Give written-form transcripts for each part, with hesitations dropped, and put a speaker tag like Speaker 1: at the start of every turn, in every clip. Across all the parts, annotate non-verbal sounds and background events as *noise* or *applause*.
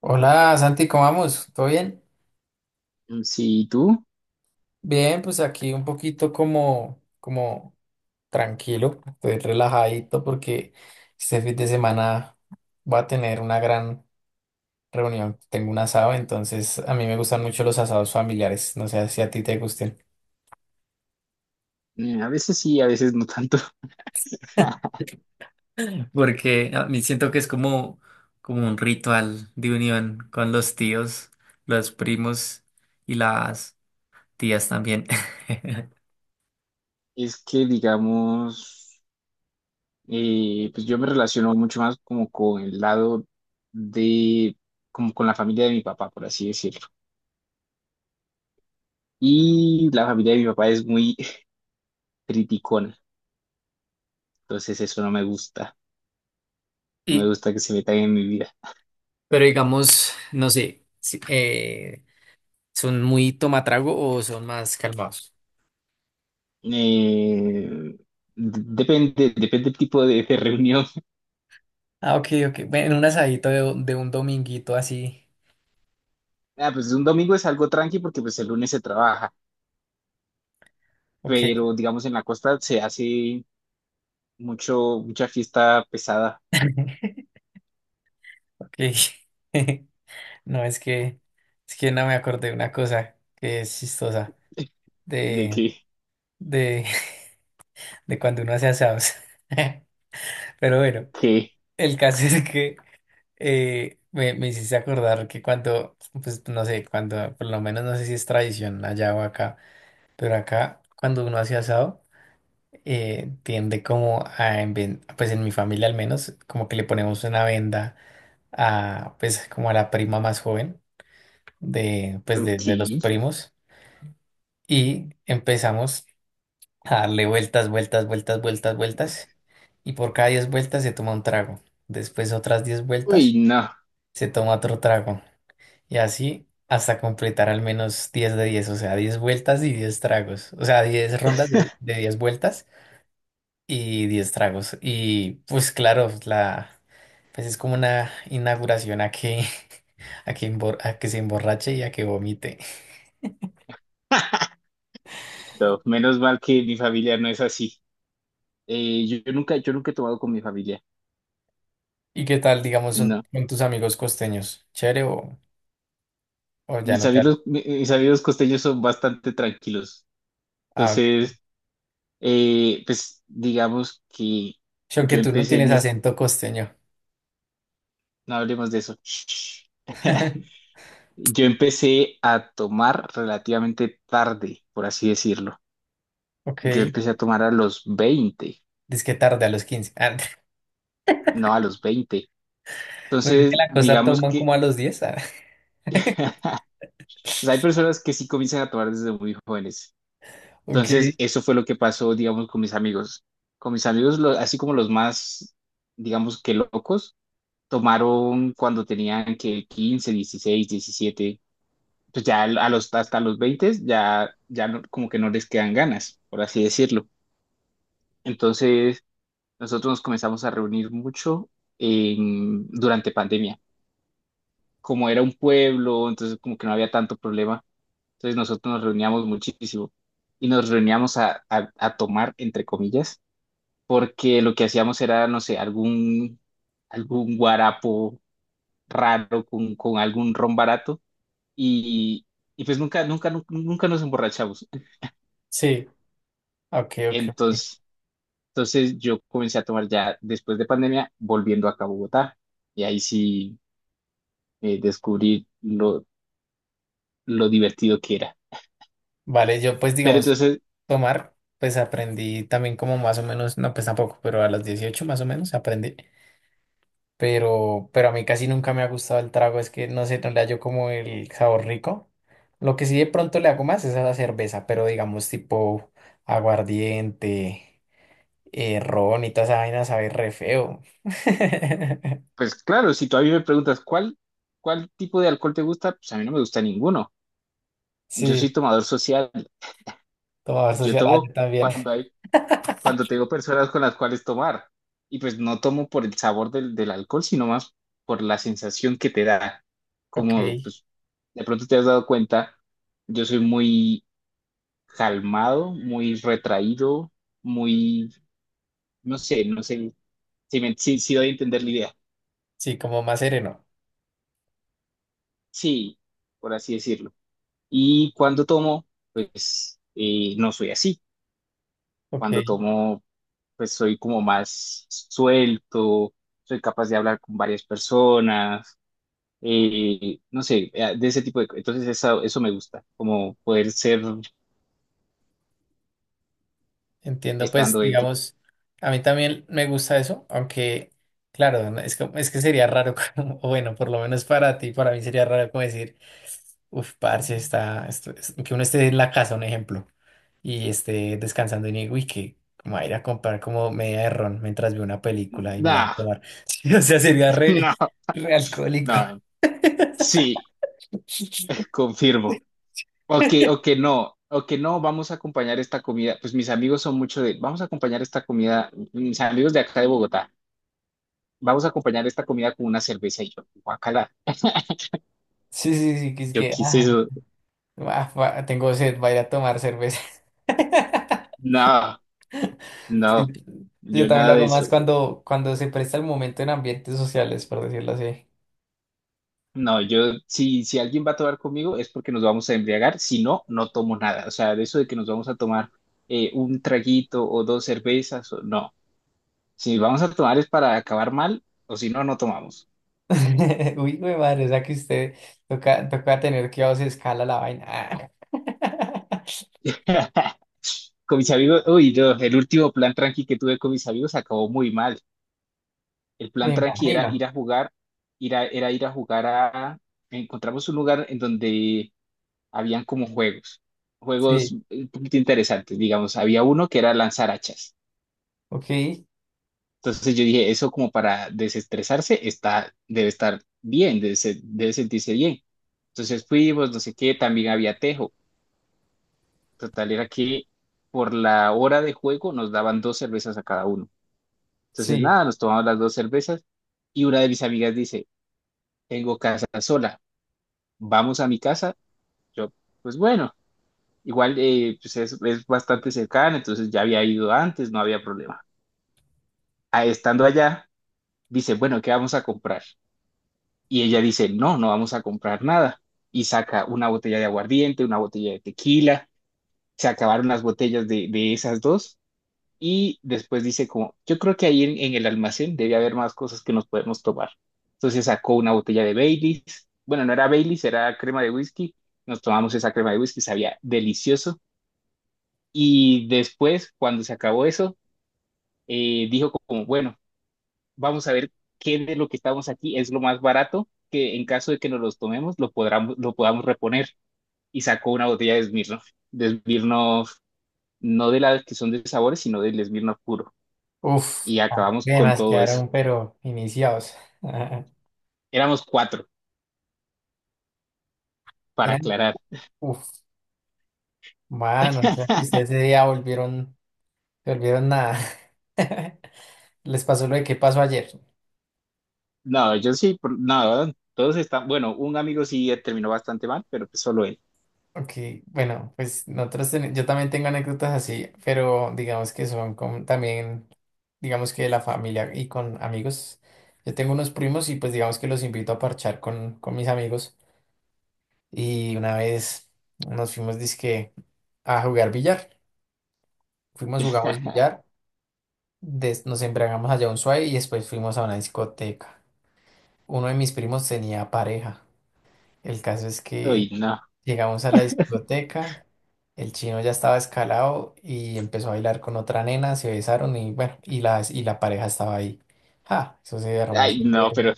Speaker 1: Hola Santi, ¿cómo vamos? ¿Todo bien?
Speaker 2: Mm, sí, ¿y tú?
Speaker 1: Bien, pues aquí un poquito como tranquilo, estoy relajadito porque este fin de semana voy a tener una gran reunión. Tengo un asado, entonces a mí me gustan mucho los asados familiares. No sé si a ti te gusten.
Speaker 2: A veces sí, a veces no tanto.
Speaker 1: *laughs*
Speaker 2: *laughs*
Speaker 1: Porque a mí siento que es como un ritual de unión con los tíos, los primos y las tías también. *laughs*
Speaker 2: Es que, digamos, pues yo me relaciono mucho más como con el lado de, como con la familia de mi papá, por así decirlo. Y la familia de mi papá es muy *laughs* criticona, entonces eso no me gusta, no me
Speaker 1: Y
Speaker 2: gusta que se metan en mi vida.
Speaker 1: Pero digamos, no sé, ¿son muy tomatrago o son más calmados?
Speaker 2: Eh, Depende, depende del tipo de reunión. *laughs*
Speaker 1: Ah, ok, ok. Bueno, un asadito de un dominguito así.
Speaker 2: Ah, pues un domingo es algo tranqui porque pues el lunes se trabaja,
Speaker 1: Ok,
Speaker 2: pero digamos en la costa se hace mucha fiesta pesada
Speaker 1: *laughs* ok. *laughs* No, es que no me acordé de una cosa que es chistosa
Speaker 2: de
Speaker 1: de,
Speaker 2: que,
Speaker 1: de, *laughs* de cuando uno hace asados. *laughs* Pero bueno,
Speaker 2: que,
Speaker 1: el caso es que me hiciste acordar que cuando, pues no sé, cuando, por lo menos no sé si es tradición allá o acá. Pero acá, cuando uno hace asado, tiende como a, pues en mi familia al menos, como que le ponemos una venda a, pues como a la prima más joven de, pues de,
Speaker 2: ok,
Speaker 1: de los primos y empezamos a darle vueltas, vueltas, vueltas, vueltas, vueltas y por cada 10 vueltas se toma un trago. Después otras diez
Speaker 2: uy,
Speaker 1: vueltas
Speaker 2: no.
Speaker 1: se toma otro trago y así hasta completar al menos 10 de 10, o sea, 10 vueltas y 10 tragos, o sea, 10 rondas de 10 vueltas y 10 tragos. Y pues claro, la, pues es como una inauguración a que, *laughs* a que, a que se emborrache y a que vomite.
Speaker 2: *laughs* No, menos mal que mi familia no es así. Yo nunca he tomado con mi familia,
Speaker 1: ¿Y qué tal, digamos, son,
Speaker 2: no.
Speaker 1: con tus amigos costeños? ¿Chévere o ya
Speaker 2: Mis
Speaker 1: no te hablan?
Speaker 2: amigos, mis amigos costeños son bastante tranquilos.
Speaker 1: Ah, ok.
Speaker 2: Entonces, pues digamos que
Speaker 1: Sí, aunque
Speaker 2: yo
Speaker 1: tú no
Speaker 2: empecé
Speaker 1: tienes
Speaker 2: en es-,
Speaker 1: acento costeño.
Speaker 2: no hablemos de eso. Shh. *laughs*
Speaker 1: *laughs*
Speaker 2: Yo empecé a tomar relativamente tarde, por así decirlo. Yo
Speaker 1: Ok.
Speaker 2: empecé a tomar a los 20.
Speaker 1: Dice que tarde a los 15. Ah,
Speaker 2: No, a los 20.
Speaker 1: *laughs* pues es que
Speaker 2: Entonces,
Speaker 1: la cosa
Speaker 2: digamos
Speaker 1: toman
Speaker 2: que
Speaker 1: como a los 10, ah.
Speaker 2: *laughs* pues hay personas que sí comienzan a tomar desde muy jóvenes.
Speaker 1: *laughs*
Speaker 2: Entonces,
Speaker 1: Ok.
Speaker 2: eso fue lo que pasó, digamos, con mis amigos. Con mis amigos, así como los más, digamos que locos, tomaron cuando tenían que 15, 16, 17. Pues ya hasta los 20 ya no-, como que no les quedan ganas, por así decirlo. Entonces, nosotros nos comenzamos a reunir mucho durante pandemia. Como era un pueblo, entonces como que no había tanto problema. Entonces nosotros nos reuníamos muchísimo y nos reuníamos a tomar, entre comillas, porque lo que hacíamos era, no sé, algún guarapo raro con algún ron barato y, y pues nunca, nunca, nunca, nunca nos emborrachamos.
Speaker 1: Sí. Ok, ok, ok.
Speaker 2: Entonces, entonces yo comencé a tomar ya después de pandemia, volviendo acá a Bogotá y ahí sí descubrí lo divertido que era.
Speaker 1: Vale, yo pues
Speaker 2: Pero
Speaker 1: digamos,
Speaker 2: entonces
Speaker 1: tomar, pues aprendí también como más o menos, no pues tampoco, pero a los 18 más o menos aprendí. Pero a mí casi nunca me ha gustado el trago, es que no sé, no le hallo como el sabor rico. Lo que sí de pronto le hago más es a la cerveza, pero digamos tipo aguardiente, ron y toda esa vaina sabe re feo. *laughs*
Speaker 2: Pues claro, si todavía me preguntas cuál tipo de alcohol te gusta, pues a mí no me gusta ninguno. Yo
Speaker 1: Sí,
Speaker 2: soy tomador social.
Speaker 1: tomar
Speaker 2: Yo
Speaker 1: social, ah, yo
Speaker 2: tomo
Speaker 1: también.
Speaker 2: cuando
Speaker 1: *laughs*
Speaker 2: hay, cuando tengo personas con las cuales tomar. Y pues no tomo por el sabor del alcohol, sino más por la sensación que te da.
Speaker 1: Ok,
Speaker 2: Como pues de pronto te has dado cuenta, yo soy muy calmado, muy retraído, muy, no sé si doy a entender la idea.
Speaker 1: sí, como más sereno.
Speaker 2: Sí, por así decirlo. Y cuando tomo, pues no soy así. Cuando
Speaker 1: Ok.
Speaker 2: tomo, pues soy como más suelto, soy capaz de hablar con varias personas, no sé, de ese tipo de cosas. Entonces eso me gusta, como poder ser
Speaker 1: Entiendo, pues
Speaker 2: estando ebrio.
Speaker 1: digamos, a mí también me gusta eso, aunque claro, no, es que sería raro, *laughs* como- o bueno, por lo menos para ti, para mí sería raro como decir, uff, parce, está, esto es- que uno esté en la casa, un ejemplo, y esté descansando y digo, uy, que como a ir a comprar como media de ron mientras veo una película y me la va a
Speaker 2: Nah,
Speaker 1: tomar. *laughs* Sí, o sea, sería
Speaker 2: *laughs*
Speaker 1: re,
Speaker 2: no,
Speaker 1: re alcohólico.
Speaker 2: no, sí,
Speaker 1: *laughs*
Speaker 2: confirmo. O que no, vamos a acompañar esta comida. Pues mis amigos son mucho de, vamos a acompañar esta comida, mis amigos de acá de Bogotá. Vamos a acompañar esta comida con una cerveza y yo, guacala. *laughs*
Speaker 1: Sí, sí, sí, que es
Speaker 2: Yo
Speaker 1: que,
Speaker 2: quise
Speaker 1: ah,
Speaker 2: eso.
Speaker 1: ah, tengo sed, voy a ir a tomar cerveza.
Speaker 2: No,
Speaker 1: Sí,
Speaker 2: no,
Speaker 1: yo
Speaker 2: yo
Speaker 1: también lo
Speaker 2: nada de
Speaker 1: hago más
Speaker 2: eso.
Speaker 1: cuando se presta el momento en ambientes sociales, por decirlo así.
Speaker 2: No, yo, si alguien va a tomar conmigo es porque nos vamos a embriagar, si no, no tomo nada. O sea, de eso de que nos vamos a tomar un traguito o dos cervezas, o- no. Si vamos a tomar es para acabar mal, o si no, no tomamos.
Speaker 1: *laughs* Uy, güey, madre, o sea que usted toca tener que a se escala la vaina. Ah. *laughs*
Speaker 2: *laughs* Con mis amigos, uy, no, el último plan tranqui que tuve con mis amigos acabó muy mal. El plan
Speaker 1: Me
Speaker 2: tranqui era ir
Speaker 1: imagino.
Speaker 2: a jugar, era ir a jugar a... Encontramos un lugar en donde habían como juegos, juegos
Speaker 1: Sí,
Speaker 2: un poquito interesantes, digamos. Había uno que era lanzar hachas.
Speaker 1: ok,
Speaker 2: Entonces yo dije, eso como para desestresarse está, debe estar bien, debe sentirse bien. Entonces fuimos, no sé qué, también había tejo. Total era que por la hora de juego nos daban dos cervezas a cada uno. Entonces
Speaker 1: sí.
Speaker 2: nada, nos tomamos las dos cervezas y una de mis amigas dice, tengo casa sola. Vamos a mi casa. Yo, pues bueno, igual pues es bastante cercana, entonces ya había ido antes, no había problema. Ah, estando allá, dice, bueno, ¿qué vamos a comprar? Y ella dice, no, no vamos a comprar nada. Y saca una botella de aguardiente, una botella de tequila, se acabaron las botellas de esas dos. Y después dice como, yo creo que ahí en el almacén debe haber más cosas que nos podemos tomar. Entonces sacó una botella de Baileys. Bueno, no era Baileys, era crema de whisky. Nos tomamos esa crema de whisky, sabía delicioso. Y después, cuando se acabó eso, dijo como, bueno, vamos a ver qué de lo que estamos aquí es lo más barato, que en caso de que nos los tomemos, lo podamos reponer. Y sacó una botella de Smirnoff, de Smirnoff, no de las que son de sabores, sino del Smirnoff puro.
Speaker 1: Uf,
Speaker 2: Y acabamos con
Speaker 1: además
Speaker 2: todo eso.
Speaker 1: quedaron, pero iniciados. *laughs*
Speaker 2: Éramos cuatro, para
Speaker 1: Eran,
Speaker 2: aclarar.
Speaker 1: uf, bueno, o sea que
Speaker 2: *laughs*
Speaker 1: ustedes ese día volvieron, se volvieron nada. *laughs* Les pasó lo de qué pasó ayer.
Speaker 2: No, yo sí, por- no, todos están, bueno, un amigo sí terminó bastante mal, pero pues solo él.
Speaker 1: Ok, bueno, pues nosotros yo también tengo anécdotas así, pero digamos que son con también, digamos que de la familia y con amigos. Yo tengo unos primos y pues digamos que los invito a parchar con mis amigos. Y una vez nos fuimos dizque a jugar billar. Fuimos, jugamos
Speaker 2: *laughs*
Speaker 1: billar, nos embriagamos allá un suave y después fuimos a una discoteca. Uno de mis primos tenía pareja. El caso es
Speaker 2: Ay,
Speaker 1: que
Speaker 2: no,
Speaker 1: llegamos a la discoteca, el chino ya estaba escalado y empezó a bailar con otra nena, se besaron y bueno, y la pareja estaba ahí. ¡Ja! Eso se
Speaker 2: ay,
Speaker 1: hermoso,
Speaker 2: no, pero,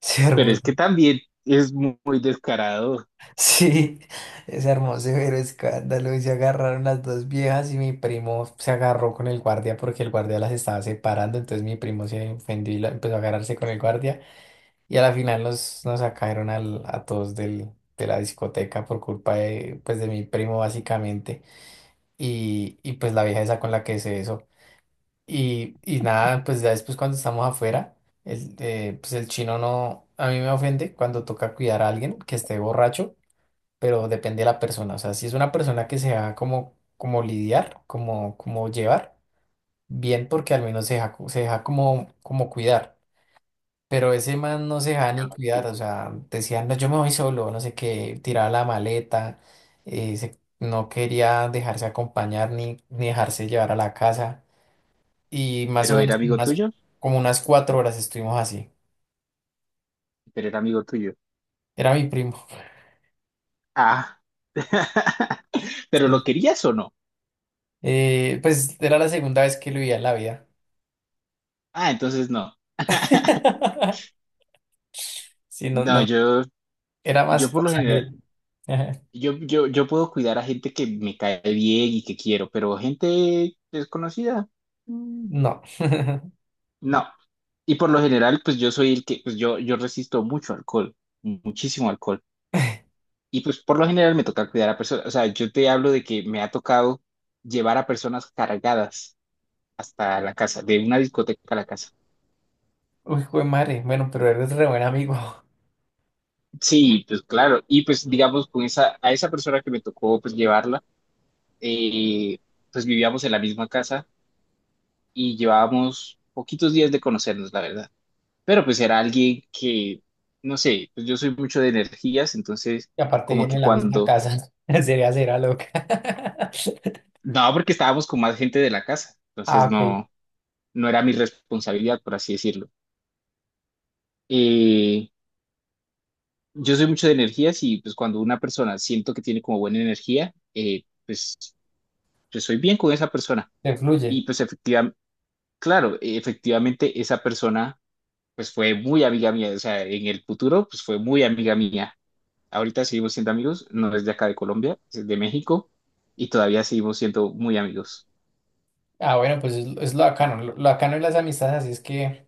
Speaker 1: se
Speaker 2: pero
Speaker 1: hermoso.
Speaker 2: es que
Speaker 1: *laughs*
Speaker 2: también es muy descarado.
Speaker 1: Sí, es hermoso, pero escándalo. Y se agarraron las dos viejas y mi primo se agarró con el guardia porque el guardia las estaba separando. Entonces mi primo se ofendió y empezó a agarrarse con el guardia. Y a la final nos sacaron a todos de la discoteca por culpa de, pues, de mi primo, básicamente. Y pues la vieja esa con la que hice eso. Y nada, pues ya después cuando estamos afuera, pues el chino no, a mí me ofende cuando toca cuidar a alguien que esté borracho, pero depende de la persona. O sea, si es una persona que se deja como lidiar, como llevar, bien porque al menos se deja como cuidar. Pero ese man no se dejaba ni cuidar, o sea, decía no, yo me voy solo, no sé qué, tiraba la maleta, no quería dejarse acompañar ni dejarse llevar a la casa. Y más o
Speaker 2: Pero era
Speaker 1: menos
Speaker 2: amigo
Speaker 1: unas,
Speaker 2: tuyo,
Speaker 1: como unas 4 horas estuvimos así.
Speaker 2: pero era amigo tuyo.
Speaker 1: Era mi primo.
Speaker 2: Ah, *laughs* pero
Speaker 1: Sí.
Speaker 2: ¿lo querías o no?
Speaker 1: Pues era la segunda vez que lo veía en la vida.
Speaker 2: Ah, entonces no. *laughs*
Speaker 1: *laughs* Sí, no,
Speaker 2: No,
Speaker 1: no,
Speaker 2: yo,
Speaker 1: era
Speaker 2: yo
Speaker 1: más
Speaker 2: por
Speaker 1: por
Speaker 2: lo general,
Speaker 1: sangre. *laughs*
Speaker 2: yo puedo cuidar a gente que me cae bien y que quiero, pero gente desconocida. Mm,
Speaker 1: No. *laughs*
Speaker 2: no. Y por lo general, pues yo soy el que, pues yo resisto mucho alcohol, muchísimo alcohol. Y pues por lo general me toca cuidar a personas. O sea, yo te hablo de que me ha tocado llevar a personas cargadas hasta la casa, de una discoteca a la casa.
Speaker 1: Uy, jue madre, bueno, pero eres re buen amigo.
Speaker 2: Sí, pues claro. Y pues digamos, a esa persona que me tocó pues llevarla, eh, pues vivíamos en la misma casa y llevábamos poquitos días de conocernos, la verdad. Pero pues era alguien que, no sé, pues yo soy mucho de energías, entonces
Speaker 1: Y aparte
Speaker 2: como
Speaker 1: viene
Speaker 2: que
Speaker 1: en la misma
Speaker 2: cuando,
Speaker 1: casa. *laughs* Sería será loca. *laughs*
Speaker 2: no, porque estábamos con más gente de la casa,
Speaker 1: Ah,
Speaker 2: entonces
Speaker 1: ok.
Speaker 2: no, no era mi responsabilidad, por así decirlo. Eh, yo soy mucho de energías y pues cuando una persona siento que tiene como buena energía, pues soy bien con esa persona.
Speaker 1: Te fluye.
Speaker 2: Y pues efectivamente, claro, efectivamente esa persona pues fue muy amiga mía, o sea, en el futuro pues fue muy amiga mía. Ahorita seguimos siendo amigos, no es de acá de Colombia, es de México y todavía seguimos siendo muy amigos.
Speaker 1: Ah, bueno, pues es lo bacano. Lo bacano de las amistades, así es que,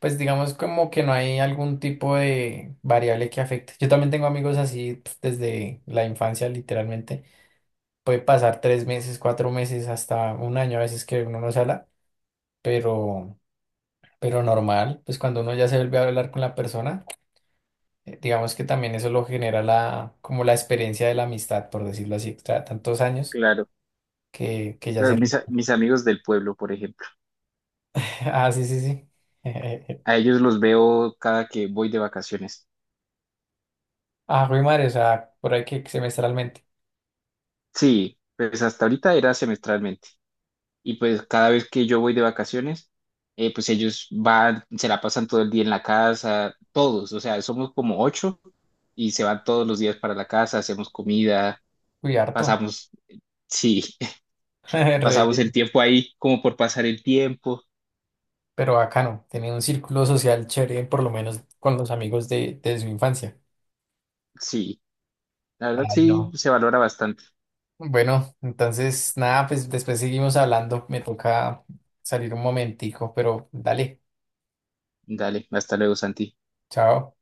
Speaker 1: pues digamos como que no hay algún tipo de variable que afecte. Yo también tengo amigos así pf, desde la infancia, literalmente. Puede pasar 3 meses, 4 meses, hasta un año a veces que uno no se habla, pero, pero normal, pues cuando uno ya se vuelve a hablar con la persona. Digamos que también eso lo genera la, como la experiencia de la amistad, por decirlo así, tantos años
Speaker 2: Claro,
Speaker 1: que ya
Speaker 2: claro,
Speaker 1: se...
Speaker 2: mis amigos del pueblo, por ejemplo.
Speaker 1: *laughs* Ah, sí, sí, sí. *laughs*
Speaker 2: A ellos los veo cada que voy de vacaciones.
Speaker 1: Ah, Rui Mario, o sea, por ahí que semestralmente.
Speaker 2: Sí, pues hasta ahorita era semestralmente. Y pues cada vez que yo voy de vacaciones, pues ellos van, se la pasan todo el día en la casa, todos, o sea, somos como ocho y se van todos los días para la casa, hacemos comida,
Speaker 1: Uy, harto.
Speaker 2: pasamos, sí, *laughs*
Speaker 1: *laughs* Re
Speaker 2: pasamos el
Speaker 1: bien.
Speaker 2: tiempo ahí como por pasar el tiempo.
Speaker 1: Pero bacano, tenía un círculo social chévere, por lo menos con los amigos de su infancia.
Speaker 2: Sí, la verdad
Speaker 1: Ay,
Speaker 2: sí
Speaker 1: no.
Speaker 2: se valora bastante.
Speaker 1: Bueno, entonces, nada, pues después seguimos hablando. Me toca salir un momentico, pero dale,
Speaker 2: Dale, hasta luego, Santi.
Speaker 1: chao.